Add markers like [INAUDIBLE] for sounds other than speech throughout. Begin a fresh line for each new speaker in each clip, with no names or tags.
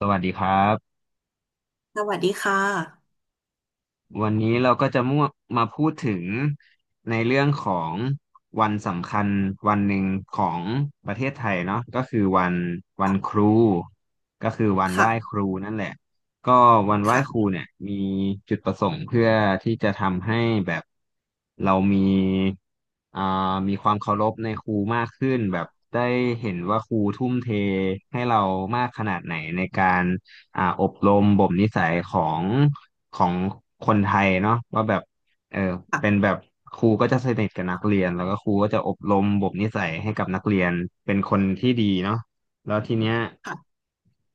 สวัสดีครับ
สวัสดีค่ะ
วันนี้เราก็จะมั่วมาพูดถึงในเรื่องของวันสำคัญวันหนึ่งของประเทศไทยเนาะก็คือวันครูก็คือวันไห
ค่ะ
ว้ครูนั่นแหละก็วันไหว้ครู
ค่ะ
เนี่ยมีจุดประสงค์เพื่อที่จะทำให้แบบเรามีอ่ามีความเคารพในครูมากขึ้นแบบได้เห็นว่าครูทุ่มเทให้เรามากขนาดไหนในการ อบรมบ่มนิสัยของคนไทยเนาะว่าแบบเออเป็น
ค่ะ
แบบครูก็จะสนิทกับนักเรียนแล้วก็ครูก็จะอบรมบ่มนิสัยให้กับนักเรียนเป็นคนที่ดีเนาะแล้วทีเนี้ย
ค่ะ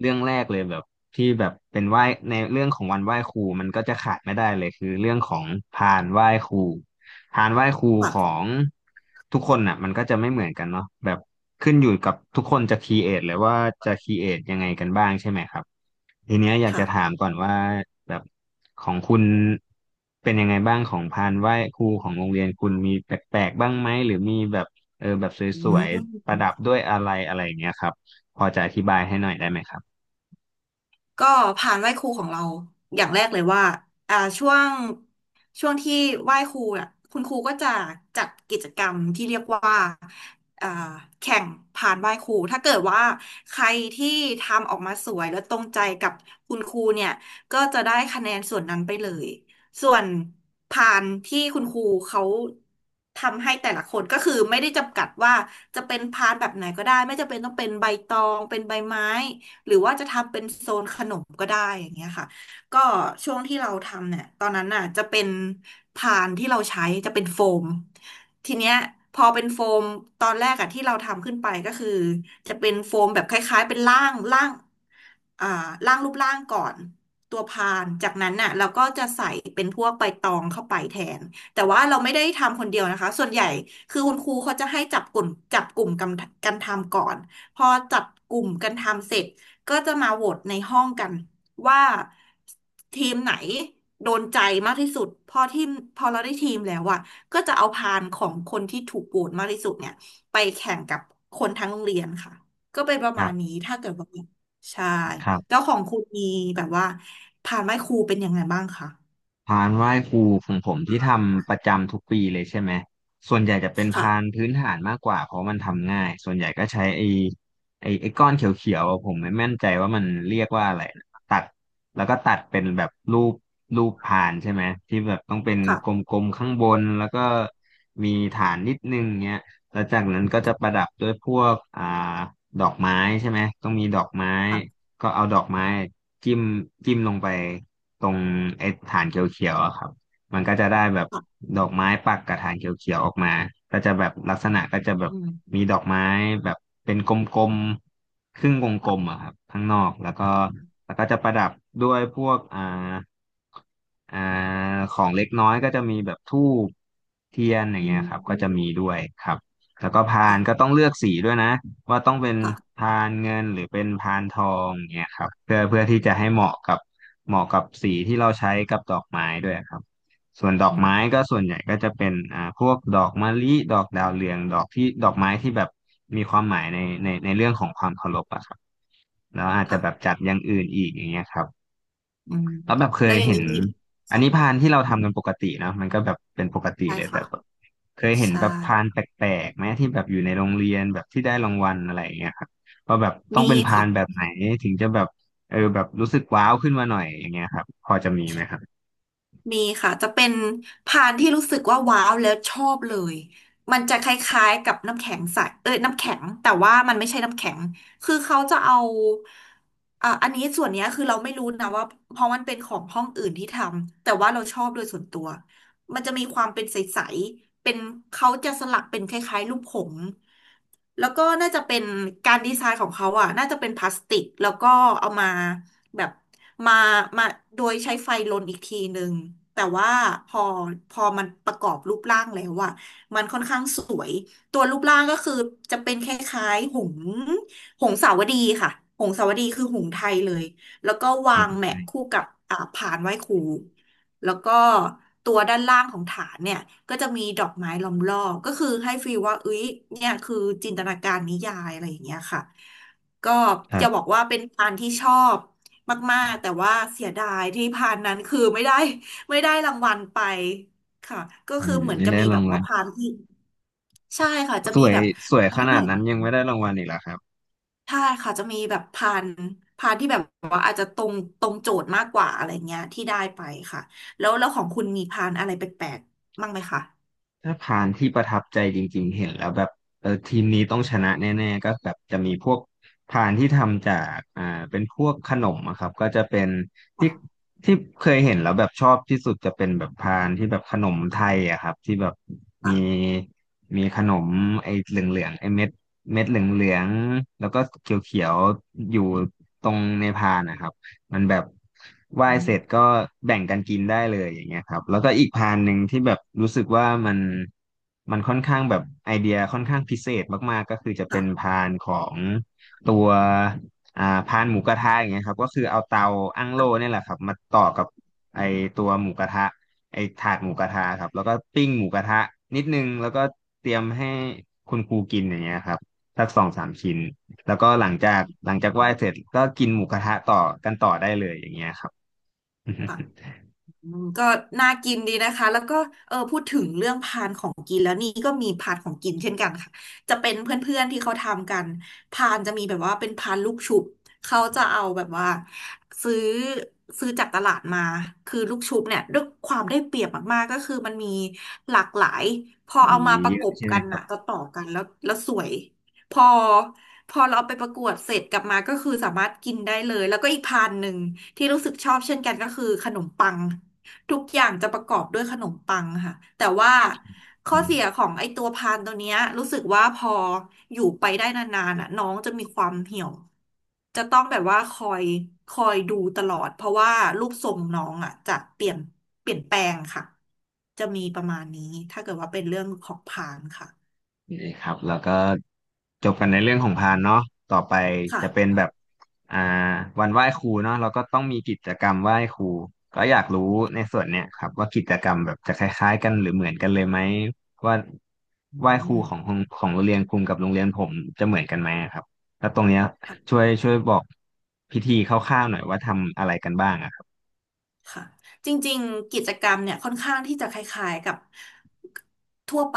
เรื่องแรกเลยแบบที่แบบเป็นไหว้ในเรื่องของวันไหว้ครูมันก็จะขาดไม่ได้เลยคือเรื่องของพานไหว้ครูพานไหว้ครูขอ
ค่ะ
งทุกคนน่ะมันก็จะไม่เหมือนกันเนาะแบบขึ้นอยู่กับทุกคนจะครีเอทเลยว่าจะครีเอทยังไงกันบ้างใช่ไหมครับ ทีเนี้ยอยากจะถาม
ค่ะ
ก่อนว่าแบบของคุณเป็นยังไงบ้างของพานไหว้ครูของโรงเรียนคุณมีแปลกๆบ้างไหมหรือมีแบบเออแบบ
อื
สวยๆประดับ
ม
ด้วยอะไรอะไรอย่างเงี้ยครับพอจะอธิบายให้หน่อยได้ไหมครับ
ก็ผ่านไหว้ครูของเราอย่างแรกเลยว่าช่วงที่ไหว้ครูอ่ะคุณครูก็จะจัดกิจกรรมที่เรียกว่าอ่าแข่งผ่านไหว้ครูถ้าเกิดว่าใครที่ทำออกมาสวยและตรงใจกับคุณครูเนี่ยก็จะได้คะแนนส่วนนั้นไปเลยส่วนผานที่คุณครูเขาทำให้แต่ละคนก็คือไม่ได้จำกัดว่าจะเป็นพานแบบไหนก็ได้ไม่จำเป็นต้องเป็นใบตองเป็นใบไม้ หรือว่าจะทำเป็นโซนขนมก็ได้อย่างเงี้ยค่ะก็ช่วงที่เราทำเนี่ยตอนนั้นน่ะจะเป็นพานที่เราใช้จะเป็นโฟมทีเนี้ยพอเป็นโฟมตอนแรกอะที่เราทำขึ้นไปก็คือจะเป็นโฟมแบบคล้ายๆเป็นล่าง อ่าร่างรูปร่างก่อนตัวพานจากนั้นน่ะเราก็จะใส่เป็นพวกใบตองเข้าไปแทนแต่ว่าเราไม่ได้ทำคนเดียวนะคะส่วนใหญ่คือคุณครูเขาจะให้จับกลุ่มกันทำก่อนพอจับกลุ่มกันทำเสร็จก็จะมาโหวตในห้องกันว่าทีมไหนโดนใจมากที่สุดพอเราได้ทีมแล้วอะก็จะเอาพานของคนที่ถูกโหวตมากที่สุดเนี่ยไปแข่งกับคนทั้งโรงเรียนค่ะก็เป็นประ
ค
มา
รั
ณนี้
บ
ถ้าเกิดว่า ใช่
ครั
แล้ว
บ
ของคุณมีแบบว่าพานไหว้ครูเป็นยังไงบ้างคะ
พานไหว้ครูของผมที่ทำประจำทุกปีเลยใช่ไหมส่วนใหญ่จะเป็นพาน
ค่ะ
พื้นฐานมากกว่าเพราะมันทำง่ายส่วนใหญ่ก็ใช้ไอ้ก้อนเขียวๆอะผมไม่แน่ใจว่ามันเรียกว่าอะไรนะตัดแล้วก็ตัดเป็นแบบรูปพานใช่ไหมที่แบบต้องเป็นก
ค่ะ
ลมๆข้างบนแล้วก็มีฐานนิดนึงเงี้ยแล้วจากนั้นก็จะประดับด้วยพวกดอกไม้ใช่ไหมต้องมีดอกไม้
ค่ะ
ก็เอาดอกไม้จิ้มจิ้มลงไป ตรงไอ้ฐานเขียวๆอะครับ มันก็จะได้แบบ
ค่ะ
ดอกไม้ปักกับฐานเขียวๆออกมาก็จะแบบลักษณะก็จะ
อื
แบบ
ม
มีดอกไม้แบบเป็นกลมๆครึ่งวงกล
ค่ะ
มอะครับข้างนอกแล้วก็จะประดับด้วยพวกอ่าของเล็กน้อยก็จะมีแบบธูปเทียนอย่าง
อื
เงี้ยครับก็จะมี
ม
ด้วยครับแล้วก็พา
ค่ะ
นก็ต้องเลือกสีด้วยนะ ว่าต้องเป็น
ค่ะ
พานเงินหรือเป็นพานทองเนี่ยครับเพื่อที่จะให้เหมาะกับสีที่เราใช้กับดอกไม้ด้วยครับส่วนดอก
อื
ไม้
ม
ก็ส่วนใหญ่ก็จะเป็นพวกดอกมะลิดอกดาวเรืองดอกที่ดอกไม้ที่แบบมีความหมายในเรื่องของความเคารพอะครับแล้วอาจจะ
ค่ะ
แบบจัดอย่างอื่นอีกอย่างเงี้ยครับ
อืม
แล้วแบบเค
แล้
ย
วอย่าง
เห็
นี้
น
มี
อัน
ค่
นี้พานที่เราทำกันปกตินะมันก็แบบเป็นป
ะ
กติ
ใช่
เลยแต่
ค่ะ
แบบเคยเห็น
ใช่
แบบพานแปลกๆไหมที่แบบอยู่ในโรงเรียนแบบที่ได้รางวัลอะไรอย่างเงี้ยครับว่าแบบต้อง
มี
เป็นพา
ค่ะ
นแบบไหนถึงจะแบบเออแบบรู้สึกว้าวขึ้นมาหน่อยอย่างเงี้ยครับพอจะมีไหมครับ
มีค่ะจะเป็นพานที่รู้สึกว่าว้าวแล้วชอบเลย มันจะคล้ายๆกับน้ำแข็งใสเอ้ยน้ำแข็งแต่ว่ามันไม่ใช่น้ำแข็งคือเขาจะเอาอ่ะอันนี้ส่วนเนี้ยคือเราไม่รู้นะว่าเพราะมันเป็นของห้องอื่นที่ทำแต่ว่าเราชอบโดยส่วนตัวมันจะมีความเป็นใสๆเป็นเขาจะสลักเป็นคล้ายๆรูปผงส์แล้วก็น่าจะเป็นการดีไซน์ของเขาอ่ะน่าจะเป็นพลาสติกแล้วก็เอามา แบบมามาโดยใช้ไฟลนอีกทีหนึ่งแต่ว่าพอพอมันประกอบรูปร่างแล้วอะมันค่อนข้างสวยตัวรูปร่างก็คือจะเป็นคล้ายๆหงส์หงสาวดีค่ะหงสาวดีคือหงส์ไทยเลยแล้วก็วา
อื
งแห
ม
มะคู่กับผานไหว้ครูแล้วก็ตัวด้านล่างของฐานเนี่ยก็จะมีดอกไม้ล้อมรอบก็คือให้ฟีลว่าเอ้ยเนี่ยคือจินตนาการนิยายอะไรอย่างเงี้ยค่ะ ก็
ครั
จะบ
บ
อกว่าเป็นพานที่ชอบมากๆแต่ว่าเสียดายที่พานนั้นคือไม่ได้ [LAUGHS] ไม่ได้รางวัลไปค่ะก็
อื
คือ
ม
เหมือน
ไม่
จะ
ได้
มี
รา
แบ
ง
บ
วั
ว่า
ล
พานที่ใช่ค่ะจะ
ส
มี
วย
แบบ
สว
พา
ย
น
ข
ที่ให
นาด
ญ่ก
นั้น
ว่า
ยั
นั้
ง
น
ไม่ได้รางวัลอีกเหรอครับ
ใช่ค่ะจะมีแบบพานที่แบบว่าอาจจะตรงโจทย์มากกว่าอะไรเงี้ยที่ได้ไปค่ะแล้วของคุณมีพานอะไรแปลกๆบ้างไหมคะ
ถ้าผ่านที่ประทับใจจริงๆเห็นแล้วแบบเออทีมนี้ต้องชนะแน่ๆก็แบบจะมีพวกพานที่ทำจากเป็นพวกขนมอะครับก็จะเป็นที่
ค่ะ
ที่เคยเห็นแล้วแบบชอบที่สุดจะเป็นแบบพานที่แบบขนมไทยอะครับที่แบบมี
ค่ะ
มีขนมไอ้เหลืองๆไอ้เม็ดเหลืองๆแล้วก็เขียวๆอยู่ตรงในพานนะครับ มันแบบไหว้
อื
เสร็จ
ม
ก็แบ่งกันกินได้เลยอย่างเงี้ยครับแล้วก็อีกพานหนึ่งที่แบบรู้สึกว่ามันค่อนข้างแบบไอเดียค่อนข้างพิเศษมากๆก็คือจะเป็น
ค่ะ
พานของตัวพานหมูกระทะอย่างเงี้ยครับก็คือเอาเตาอั้งโล่
ค่ะ
เนี่ยแหละครับมาต่อกับไอตัวหมูกระทะไอถาดหมูกระทะครับแล้วก็ปิ้งหมูกระทะนิดนึงแล้วก็เตรียมให้คุณครูกินอย่างเงี้ยครับสักสองสามชิ้น แล้วก็หลังจากไห
อื
ว้เสร็
ม
จก็กินหมูกระทะต่อกันต่อได้เลยอย่างเงี้ยครับ
ค่ะ
[LAUGHS]
อืมก็น่ากินดีนะคะแล้วก็เออพูดถึงเรื่องพานของกินแล้วนี่ก็มีพานของกินเช่นกันค่ะจะเป็นเพื่อนๆที่เขาทำกันพานจะมีแบบว่าเป็นพานลูกชุบเขาจะเอาแบบว่าซื้อจากตลาดมาคือลูกชุบเนี่ยด้วยความได้เปรียบมากๆก็คือมันมีหลากหลายพอเอา
มี
มาประ
เย
ก
อะ
บ
ใช่ไหม
กัน
ครับ
อ่ะจะต่อๆกันแล้วสวยพอพอเราเอาไปประกวดเสร็จกลับมาก็คือสามารถกินได้เลยแล้วก็อีกพานหนึ่งที่รู้สึกชอบเช่นกันก็คือขนมปัง ทุกอย่างจะประกอบด้วยขนมปังค่ะแต่ว่าข้อเสียของไอตัวพานตัวเนี้ยรู้สึกว่าพออยู่ไปได้นานๆอ่ะน้องจะมีความเหี่ยวจะต้องแบบว่าคอยดูตลอดเพราะว่ารูปทรงน้องอ่ะจะเปลี่ยนแปลงค่ะจะมีประมาณนี้ถ้าเกิดว่าเป็นเรื่องของพานค่ะ
นี่ครับแล้วก็จบกันในเรื่องของพานเนาะต่อไปจะเป็น
ค่ะ
แบบอ่าวันไหว้ครูเนาะเราก็ต้องมีกิจกรรมไหว้ครูก็อยากรู้ในส่วนเนี้ยครับว่ากิจกรรมแบบจะคล้ายๆกันหรือเหมือนกันเลยไหมว่า
อื
ไหว้ครู
ม
ของโรงเรียนคุณกับโรงเรียนผมจะเหมือนกันไหมครับแล้วตรงเนี้ยช่วยบอกพิธีคร่าวๆหน่อยว่าทำอะไรกันบ้างอะครับ
ค่ะจริงๆกิจกรรมเนี่ยค่อนข้างที่จะคล้ายๆกับทั่วไป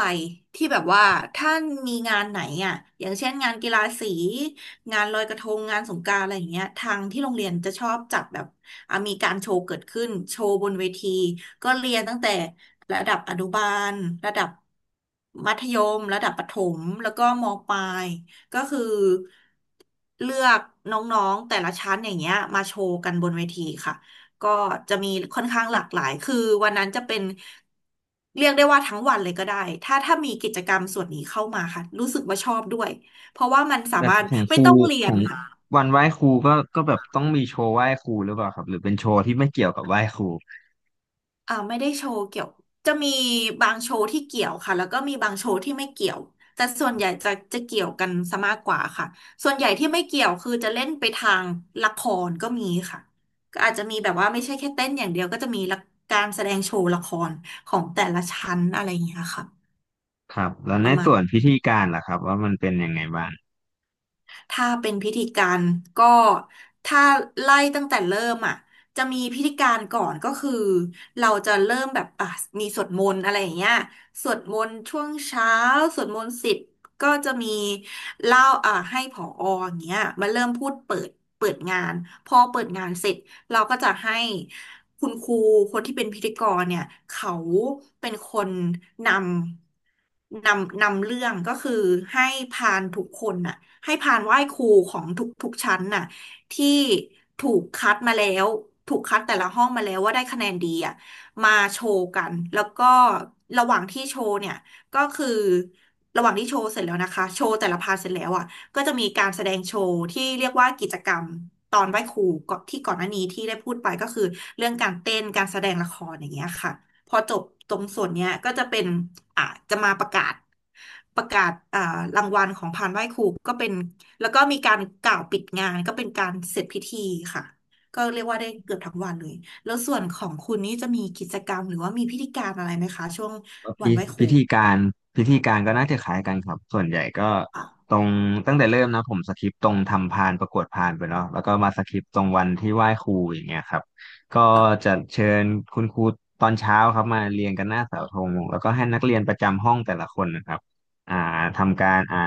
ที่แบบว่าถ้ามีงานไหนอ่ะอย่างเช่นงานกีฬาสีงานลอยกระทงงานสงกรานต์อะไรอย่างเงี้ยทางที่โรงเรียนจะชอบจัดแบบอ่ะมีการโชว์เกิดขึ้นโชว์บนเวทีก็เรียนตั้งแต่ระดับอนุบาลระดับมัธยมระดับประถมแล้วก็มปลายก็คือเลือกน้องๆแต่ละชั้นอย่างเงี้ยมาโชว์กันบนเวทีค่ะ ก็จะมีค่อนข้างหลากหลาย คือวันนั้นจะเป็นเรียกได้ว่าทั้งวันเลยก็ได้ถ้ามีกิจกรรมส่วนนี้เข้ามาค่ะรู้สึกว่าชอบด้วย เพราะว่ามันสา
แบบ
มารถ
ของค
ไม่
รู
ต้องเรี
ข
ย
อ
น
ง
ค่ะ
วันไหว้ครูก็แบบต้องมีโชว์ไหว้ครูหรือเปล่าครับหรือเป็นโชว์ที่ไม่เกี่ยวกับไหว้ครู
ไม่ได้โชว์เกี่ยวจะมีบางโชว์ที่เกี่ยวค่ะแล้วก็มีบางโชว์ที่ไม่เกี่ยวแต่ส่วนใหญ่จะเกี่ยวกันซะมากกว่าค่ะส่วนใหญ่ที่ไม่เกี่ยวคือจะเล่นไปทางละครก็มีค่ะก็อาจจะมีแบบว่าไม่ใช่แค่เต้นอย่างเดียวก็จะมีละการแสดงโชว์ละครของแต่ละชั้นอะไรอย่างเงี้ยค่ะ
ครับแล้ว
ป
ใน
ระมาณ
ส่วนพิธีการล่ะครับว่ามันเป็นยังไงบ้าง
ถ้าเป็นพิธีการก็ถ้าไล่ตั้งแต่เริ่มอ่ะจะมีพิธีการก่อนก็คือเราจะเริ่มแบบอ่ะมีสวดมนต์อะไรอย่างเงี้ยสวดมนต์ช่วงเช้าสวดมนต์สิบก็จะมีเล่าอ่ะให้ผออย่างเงี้ยมาเริ่มพูดเปิดเปิดงานพอเปิดงานเสร็จ เราก็จะให้คุณครูคนที่เป็นพิธีกรเนี่ยเขาเป็นคนนนำเรื่องก็คือให้พานทุกคนน่ะให้พานไหว้ครูของทุกชั้นน่ะที่ถูกคัดมาแล้วถูกคัดแต่ละห้องมาแล้วว่าได้คะแนนดีอ่ะมาโชว์กันแล้วก็ระหว่างที่โชว์เนี่ยก็คือระหว่างที่โชว์เสร็จแล้วนะคะโชว์แต่ละพาร์ทเสร็จแล้วอ่ะ ก็จะมีการแสดงโชว์ที่เรียกว่ากิจกรรมตอนไหว้ครูก็ที่ก่อนหน้านี้ที่ได้พูดไปก็คือเรื่องการเต้นการแสดงละครอย่างเงี้ยค่ะพอจบตรงส่วนเนี้ยก็จะเป็นอ่าจะมาประกาศประกาศรางวัลของพานไหว้ครูก็เป็นแล้วก็มีการกล่าวปิดงานก็เป็นการเสร็จพิธีค่ะก็เรียกว่าได้เกือบทั้งวันเลยแล้วส่วนของคุณนี่จะมีกิจกรรมหรือว่ามีพิธีการอะไรไหมคะช่วง
ก็
วันไหว้ค
พิ
รู
ธีการพิธีการก็น่าจะคล้ายกันครับส่วนใหญ่ก็
ค่ะ
ตรงตั้งแต่เริ่มนะผมสคริปต์ตรงทำพานประกวดพานไปเนาะแล้วก็มาสคริปต์ตรงวันที่ไหว้ครูอย่างเงี้ยครับก็
ค่ะ
จะเชิญคุณครูตอนเช้าครับมาเรียงกันหน้าเสาธงแล้วก็ให้นักเรียนประจำห้องแต่ละคนนะครับอ่าทำการ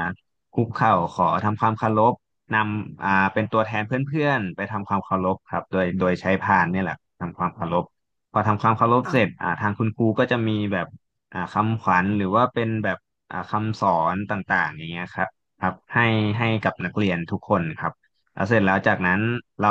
คุกเข่าขอทำความเคารพนำเป็นตัวแทนเพื่อนๆไปทำความเคารพครับโดยใช้พานเนี่ยแหละทำความเคารพพอทำความเคารพเสร็จ
ค่
ทางคุณครูก็จะมีแบบ คำขวัญหรือว่าเป็นแบบคำสอนต่างๆอย่างเงี้ยครับครับให้กับนักเรียนทุกคนครับแล้วเสร็จแล้วจากนั้นเรา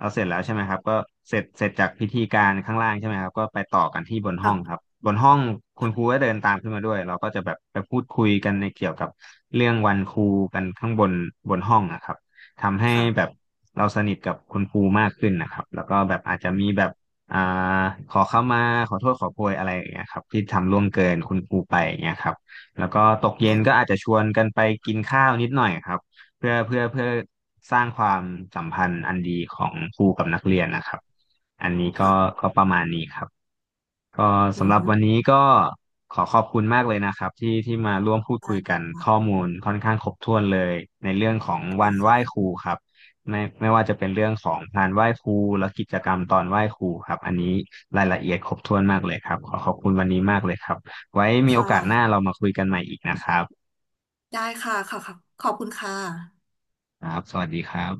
เราเสร็จแล้วใช่ไหมครับก็เสร็จจากพิธีการข้างล่างใช่ไหมครับก็ไปต่อกันที่บน
ะ
ห้องครับบนห้องคุณครูก็เดินตามขึ้นมาด้วยเราก็จะแบบไปพูดคุยกันในเกี่ยวกับเรื่องวันครูกันข้างบนบนห้องนะครับทำให้แบบ
ค่ะ
เราสนิทกับคุณครูมากขึ้นนะครับแล้วก็แบบอาจจะมีแบบ อ่าขอเข้ามาขอโทษขอโพยอะไรอย่างเงี้ยครับที่ทำล่วงเกินคุณครูไปอย่างเงี้ยครับแล้วก็ตกเย็นก็
ค่ะ
อาจจะชวนกันไปกินข้าวนิดหน่อยครับเพื่อสร้างความสัมพันธ์อันดีของครูกับนักเรียนนะครับอันนี้ก็
ค่ะ
ประมาณนี้ครับ ก็
อื
สำหรับวั
ม
นนี้ก็ขอบคุณมากเลยนะครับที่มาร่วมพูดคุ
ได้
ยกันข้อ
ค่ะ
มูลค่อนข้างครบถ้วนเลยในเรื่องของ
ได้ค
วันไหว้
่ะ
ครูครับไม่ว่าจะเป็นเรื่องของงานไหว้ครูและกิจกรรมตอนไหว้ครูครับอันนี้รายละเอียดครบถ้วนมากเลยครับขอขอบคุณวันนี้มากเลยครับไว้มีโอ
ค่
กาสหน้า
ะ
เรามาคุยกันใหม่อีกนะครับ
ได้ค่ะค่ะค่ะ ขอบคุณค่ะ
ครับสวัสดีครับ